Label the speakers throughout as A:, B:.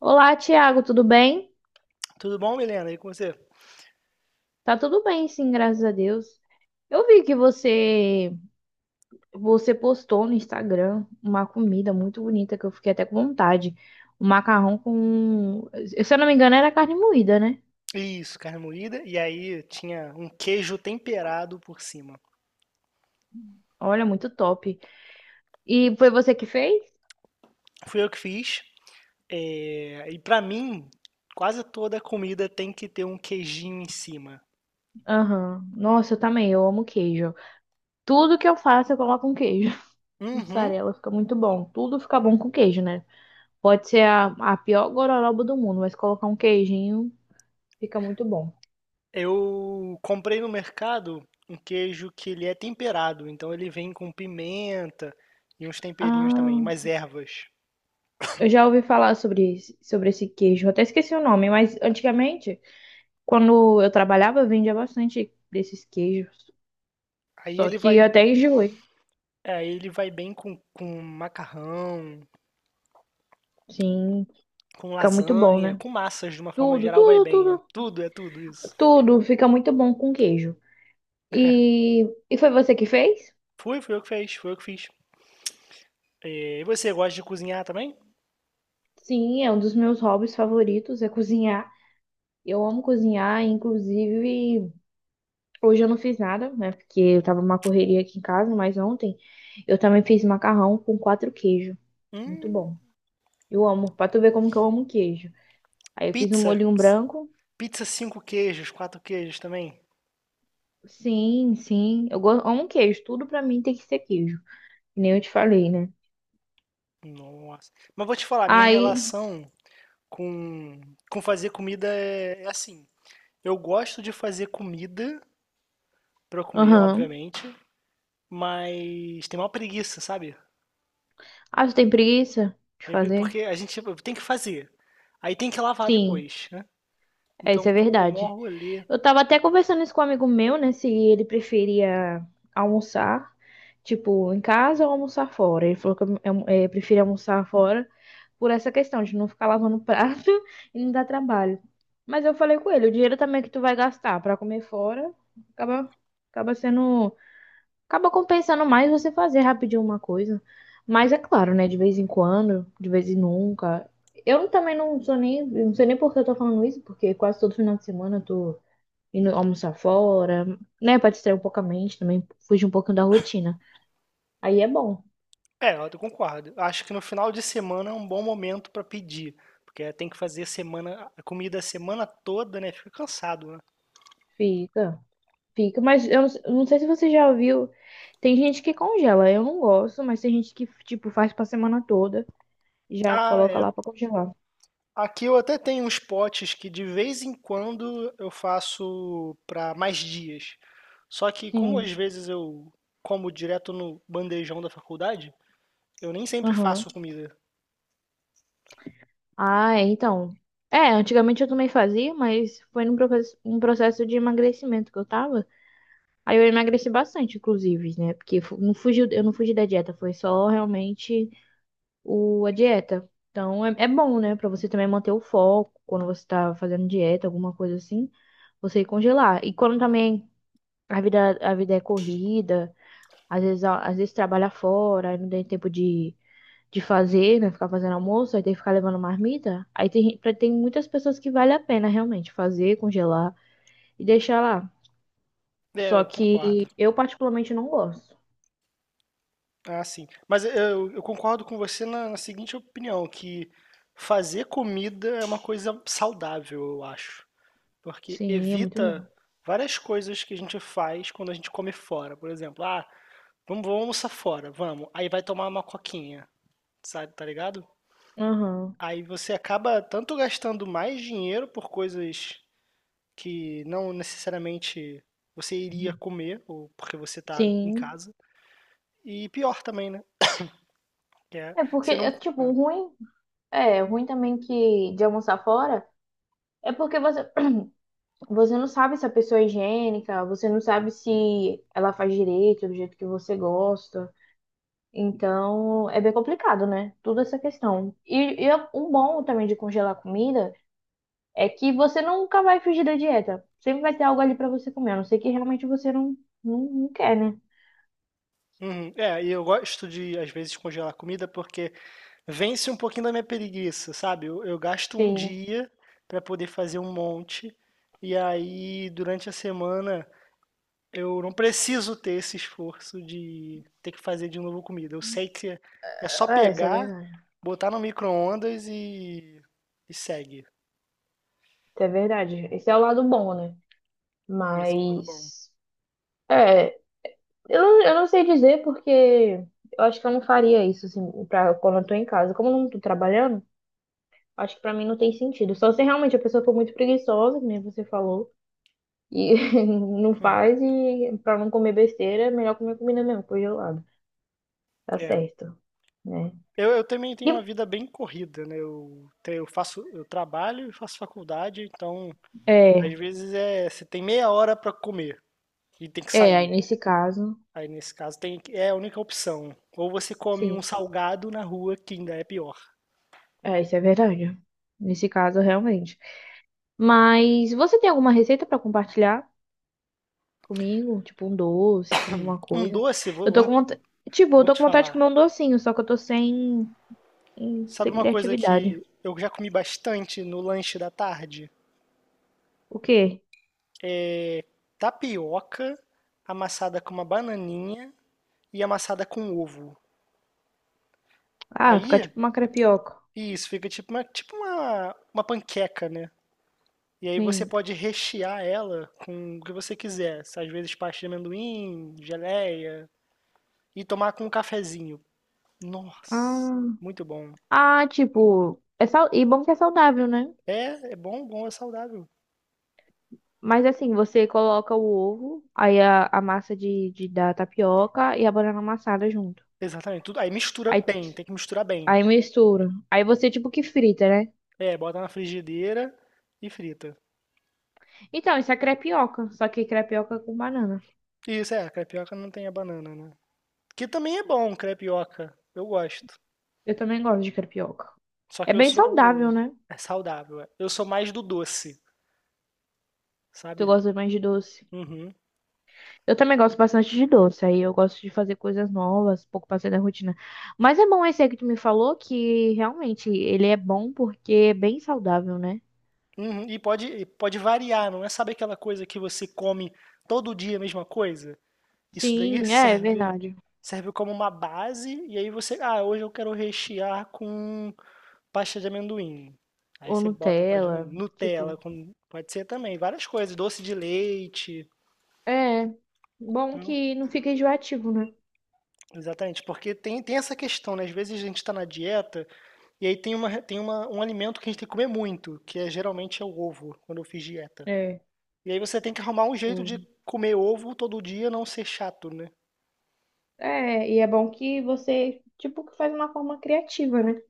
A: Olá, Tiago, tudo bem?
B: Tudo bom, Milena? E com você?
A: Tá tudo bem, sim, graças a Deus. Eu vi que você postou no Instagram uma comida muito bonita que eu fiquei até com vontade. Um macarrão com, se eu não me engano, era carne moída, né?
B: Isso, carne moída. E aí tinha um queijo temperado por cima.
A: Olha, muito top. E foi você que fez?
B: Fui eu que fiz. E pra mim, quase toda comida tem que ter um queijinho em cima.
A: Aham. Nossa, eu também, eu amo queijo. Tudo que eu faço, eu coloco um queijo.
B: Uhum.
A: Mussarela fica muito bom. Tudo fica bom com queijo, né? Pode ser a pior gororoba do mundo, mas colocar um queijinho fica muito bom.
B: Eu comprei no mercado um queijo que ele é temperado, então ele vem com pimenta e uns temperinhos também,
A: Ah.
B: umas ervas.
A: Eu já ouvi falar sobre esse queijo. Eu até esqueci o nome, mas antigamente, quando eu trabalhava, vendia bastante desses queijos.
B: Aí
A: Só
B: ele
A: que eu
B: vai,
A: até enjoei.
B: é, ele vai bem com macarrão,
A: Sim,
B: com
A: fica muito bom,
B: lasanha,
A: né?
B: com massas de uma forma
A: Tudo,
B: geral vai
A: tudo,
B: bem,
A: tudo,
B: é tudo isso.
A: tudo fica muito bom com queijo. E, e foi você que fez?
B: Fui eu que fez, foi eu que fiz. E você gosta de cozinhar também?
A: Sim, é um dos meus hobbies favoritos, é cozinhar. Eu amo cozinhar, inclusive hoje eu não fiz nada, né? Porque eu tava numa correria aqui em casa, mas ontem eu também fiz macarrão com quatro queijos. Muito
B: Hum,
A: bom. Eu amo, pra tu ver como que eu amo queijo. Aí eu fiz um
B: pizza.
A: molhinho branco.
B: Pizza cinco queijos, quatro queijos também.
A: Sim, sim. Amo queijo. Tudo pra mim tem que ser queijo. Que nem eu te falei, né?
B: Nossa. Mas vou te falar, minha
A: Aí,
B: relação com, com fazer comida é assim. Eu gosto de fazer comida pra comer,
A: aham.
B: obviamente, mas tem uma preguiça, sabe?
A: Ah, tu tem preguiça de fazer?
B: Porque a gente tipo, tem que fazer. Aí tem que lavar
A: Sim,
B: depois, né?
A: é,
B: Então,
A: isso é
B: pô, mó
A: verdade.
B: rolê.
A: Eu tava até conversando isso com um amigo meu, né? Se ele preferia almoçar, tipo, em casa ou almoçar fora. Ele falou que prefere almoçar fora. Por essa questão de não ficar lavando prato e não dar trabalho. Mas eu falei com ele, o dinheiro também que tu vai gastar para comer fora, acaba, acaba sendo, acaba compensando mais você fazer rapidinho uma coisa. Mas é claro, né, de vez em quando, de vez em nunca. Eu também não sou nem, eu não sei nem por que eu tô falando isso, porque quase todo final de semana eu tô indo almoçar fora, né, para distrair um pouco a mente também, fugir um pouquinho da rotina. Aí é bom,
B: É, eu concordo. Acho que no final de semana é um bom momento para pedir, porque tem que fazer semana, a comida a semana toda, né? Fica cansado, né?
A: fica. Fica, mas eu não sei se você já viu. Tem gente que congela, eu não gosto, mas tem gente que, tipo, faz pra semana toda e já
B: Ah,
A: coloca
B: é.
A: lá pra congelar.
B: Aqui eu até tenho uns potes que de vez em quando eu faço para mais dias. Só que como às
A: Sim,
B: vezes eu como direto no bandejão da faculdade, eu nem sempre
A: aham.
B: faço comida.
A: Ah, é, então. É, antigamente eu também fazia, mas foi um processo de emagrecimento que eu tava. Aí eu emagreci bastante, inclusive, né? Porque não fugiu, eu não fugi da dieta, foi só realmente a dieta. Então é bom, né? Pra você também manter o foco quando você tá fazendo dieta, alguma coisa assim você congelar. E quando também. A vida é corrida, às vezes, às vezes trabalha fora, aí não tem tempo de fazer, né? Ficar fazendo almoço, aí tem que ficar levando marmita. Aí tem muitas pessoas que vale a pena realmente fazer, congelar e deixar lá.
B: É,
A: Só
B: eu concordo.
A: que eu particularmente não gosto.
B: Ah, sim. Mas eu concordo com você na seguinte opinião, que fazer comida é uma coisa saudável, eu acho. Porque
A: Sim, é muito
B: evita
A: bom.
B: várias coisas que a gente faz quando a gente come fora. Por exemplo, ah, vamos almoçar fora, vamos. Aí vai tomar uma coquinha, sabe, tá ligado?
A: Aham.
B: Aí você acaba tanto gastando mais dinheiro por coisas que não necessariamente você iria comer, ou porque você tá em
A: Sim.
B: casa. E pior também, né? Que é,
A: É porque,
B: você não.
A: é, tipo, o ruim, é, o ruim também que de almoçar fora é porque você não sabe se a pessoa é higiênica, você não sabe se ela faz direito, do jeito que você gosta. Então, é bem complicado, né? Tudo essa questão. E é um bom também de congelar comida é que você nunca vai fugir da dieta. Sempre vai ter algo ali pra você comer, a não ser que realmente você não, não, não quer, né?
B: Uhum. É, e eu gosto de, às vezes, congelar comida porque vence um pouquinho da minha preguiça, sabe? Eu gasto um
A: Sim.
B: dia para poder fazer um monte, e aí durante a semana eu não preciso ter esse esforço de ter que fazer de novo comida. Eu sei que é só
A: É, isso é
B: pegar,
A: verdade.
B: botar no micro-ondas e segue.
A: Isso é verdade. Esse é o lado bom, né?
B: Esse é o lado bom.
A: Mas. É, eu não sei dizer porque eu acho que eu não faria isso, assim, quando eu tô em casa. Como eu não tô trabalhando, acho que pra mim não tem sentido. Só se realmente a pessoa for muito preguiçosa, que nem você falou. E não
B: Uhum.
A: faz, e pra não comer besteira, é melhor comer comida mesmo, congelada. Tá
B: É.
A: certo, né?
B: Eu também tenho
A: E,
B: uma vida bem corrida, né? Eu, eu faço, eu trabalho e faço faculdade, então. Às
A: é,
B: vezes é, você tem meia hora pra comer e tem que
A: aí
B: sair.
A: nesse caso,
B: Aí nesse caso tem, é a única opção. Ou você come um
A: sim,
B: salgado na rua, que ainda é pior.
A: é, isso é verdade. Nesse caso, realmente. Mas você tem alguma receita pra compartilhar comigo? Tipo um doce, alguma
B: Um
A: coisa?
B: doce,
A: Eu tô com vontade, eu
B: vou
A: tô
B: te
A: com vontade de
B: falar.
A: comer um docinho, só que eu tô sem,
B: Sabe
A: sem
B: uma coisa
A: criatividade.
B: que eu já comi bastante no lanche da tarde?
A: O quê?
B: Tapioca amassada com uma bananinha e amassada com ovo.
A: Ah, ficar
B: Aí,
A: tipo uma crepioca.
B: isso, fica tipo uma, uma panqueca, né? E aí você
A: Sim.
B: pode rechear ela com o que você quiser. Às vezes pasta de amendoim, geleia. E tomar com um cafezinho. Nossa,
A: Ah.
B: muito bom.
A: Ah, tipo, e bom que é saudável, né?
B: É, é bom, bom, é saudável.
A: Mas assim, você coloca o ovo, aí a massa da tapioca e a banana amassada junto.
B: Exatamente, tudo. Aí mistura
A: Aí,
B: bem, tem que misturar bem.
A: aí mistura. Aí você tipo que frita, né?
B: É, bota na frigideira e frita.
A: Então, isso é crepioca, só que crepioca com banana.
B: Isso, é, crepioca não tem a banana, né? Que também é bom, crepioca. Eu gosto.
A: Eu também gosto de crepioca.
B: Só
A: É
B: que eu
A: bem saudável,
B: sou.
A: né?
B: É saudável. É. Eu sou mais do doce,
A: Tu
B: sabe?
A: gosta mais de doce.
B: Uhum.
A: Eu também gosto bastante de doce, aí eu gosto de fazer coisas novas, um pouco passei da rotina. Mas é bom esse aí que tu me falou, que realmente ele é bom porque é bem saudável, né?
B: Uhum, e pode variar, não é? Sabe aquela coisa que você come todo dia a mesma coisa? Isso daí
A: Sim, é verdade.
B: serve como uma base e aí você, ah, hoje eu quero rechear com pasta de amendoim. Aí
A: Ou
B: você bota a pasta de
A: Nutella,
B: amendoim, Nutella,
A: tipo,
B: pode ser também, várias coisas, doce de leite.
A: é bom
B: Então,
A: que não fica enjoativo, né?
B: exatamente, porque tem, tem essa questão, né? Às vezes a gente está na dieta e aí um alimento que a gente tem que comer muito, que é geralmente é o ovo, quando eu fiz dieta.
A: É,
B: E aí você tem que arrumar um jeito de
A: o-
B: comer ovo todo dia, não ser chato, né?
A: e é bom que você, tipo, que faz uma forma criativa, né?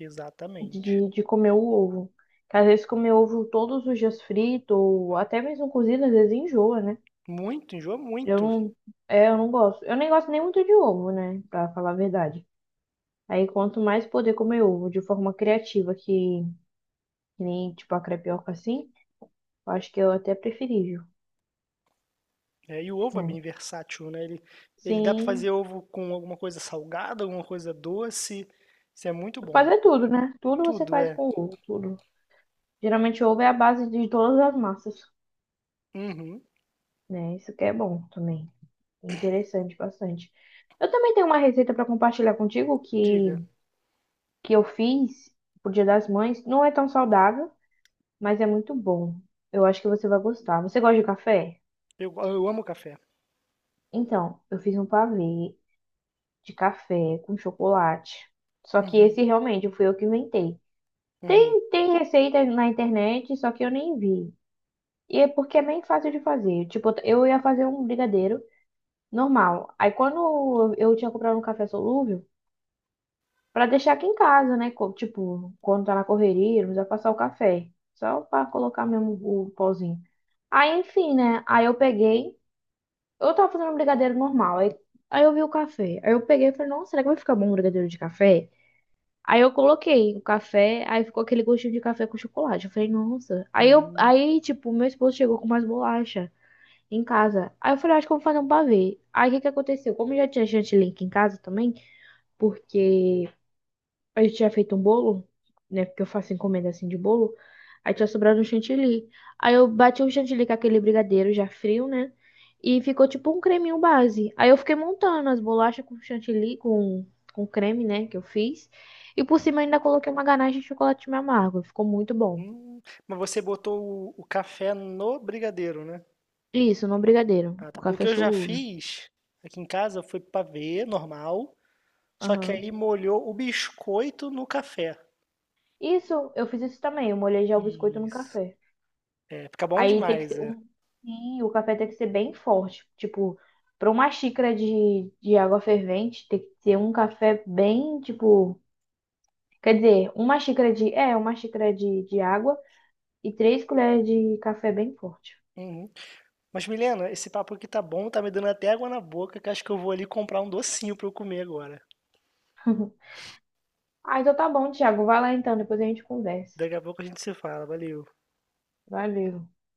B: Exatamente.
A: De comer o ovo. Que às vezes comer ovo todos os dias frito, ou até mesmo cozido, às vezes enjoa, né?
B: Muito, enjoa
A: Eu
B: muito.
A: não, eu não gosto. Eu nem gosto nem muito de ovo, né? Pra falar a verdade. Aí quanto mais poder comer ovo de forma criativa, que nem, tipo, a crepioca assim, eu acho que eu até preferível.
B: É, e o ovo é
A: Né?
B: bem versátil, né? Ele dá pra fazer
A: Sim.
B: ovo com alguma coisa salgada, alguma coisa doce. Isso é muito bom.
A: Fazer tudo, né? Tudo você
B: Tudo
A: faz
B: é.
A: com ovo, tudo. Geralmente ovo é a base de todas as massas,
B: Uhum.
A: né? Isso que é bom também. É interessante bastante. Eu também tenho uma receita para compartilhar contigo que,
B: Diga.
A: que eu fiz pro Dia das Mães. Não é tão saudável, mas é muito bom. Eu acho que você vai gostar. Você gosta de café?
B: Eu amo café.
A: Então, eu fiz um pavê de café com chocolate. Só que
B: Uhum.
A: esse realmente fui eu que inventei.
B: Uhum.
A: Tem receita na internet, só que eu nem vi. E é porque é bem fácil de fazer. Tipo, eu ia fazer um brigadeiro normal. Aí quando eu tinha comprado um café solúvel, pra deixar aqui em casa, né? Tipo, quando tá na correria, não precisa passar o café. Só pra colocar mesmo o pozinho. Aí, enfim, né? Aí eu peguei. Eu tava fazendo um brigadeiro normal. Aí eu vi o café. Aí eu peguei e falei, nossa, será que vai ficar bom um brigadeiro de café? Aí eu coloquei o café, aí ficou aquele gostinho de café com chocolate. Eu falei, nossa. Aí eu,
B: Hum,
A: aí, tipo, meu esposo chegou com mais bolacha em casa. Aí eu falei, "Ah, acho que eu vou fazer um pavê." Aí o que que aconteceu? Como eu já tinha chantilly aqui em casa também, porque a gente tinha feito um bolo, né? Porque eu faço encomenda assim de bolo. Aí tinha sobrado um chantilly. Aí eu bati o chantilly com aquele brigadeiro já frio, né? E ficou tipo um creminho base. Aí eu fiquei montando as bolachas com chantilly, com creme, né? Que eu fiz. E por cima ainda coloquei uma ganache de chocolate meio amargo. Ficou muito bom.
B: hum. Mas você botou o café no brigadeiro, né?
A: Isso, no brigadeiro.
B: Ah,
A: O
B: tá. O
A: café
B: que eu já
A: solúvel.
B: fiz aqui em casa foi pavê normal. Só que
A: Aham.
B: aí molhou o biscoito no café.
A: Isso, eu fiz isso também. Eu molhei já o biscoito no
B: Isso.
A: café.
B: É, fica bom
A: Aí tem que
B: demais,
A: ser
B: é.
A: um. Sim, o café tem que ser bem forte. Tipo, para uma xícara de água fervente, tem que ser um café bem, tipo. Quer dizer, uma xícara de. É, uma xícara de água e 3 colheres de café bem forte.
B: Uhum. Mas, Milena, esse papo aqui tá bom, tá me dando até água na boca, que acho que eu vou ali comprar um docinho pra eu comer agora.
A: Ah, então tá bom, Thiago. Vai lá então, depois a gente conversa.
B: Daqui a pouco a gente se fala, valeu.
A: Valeu.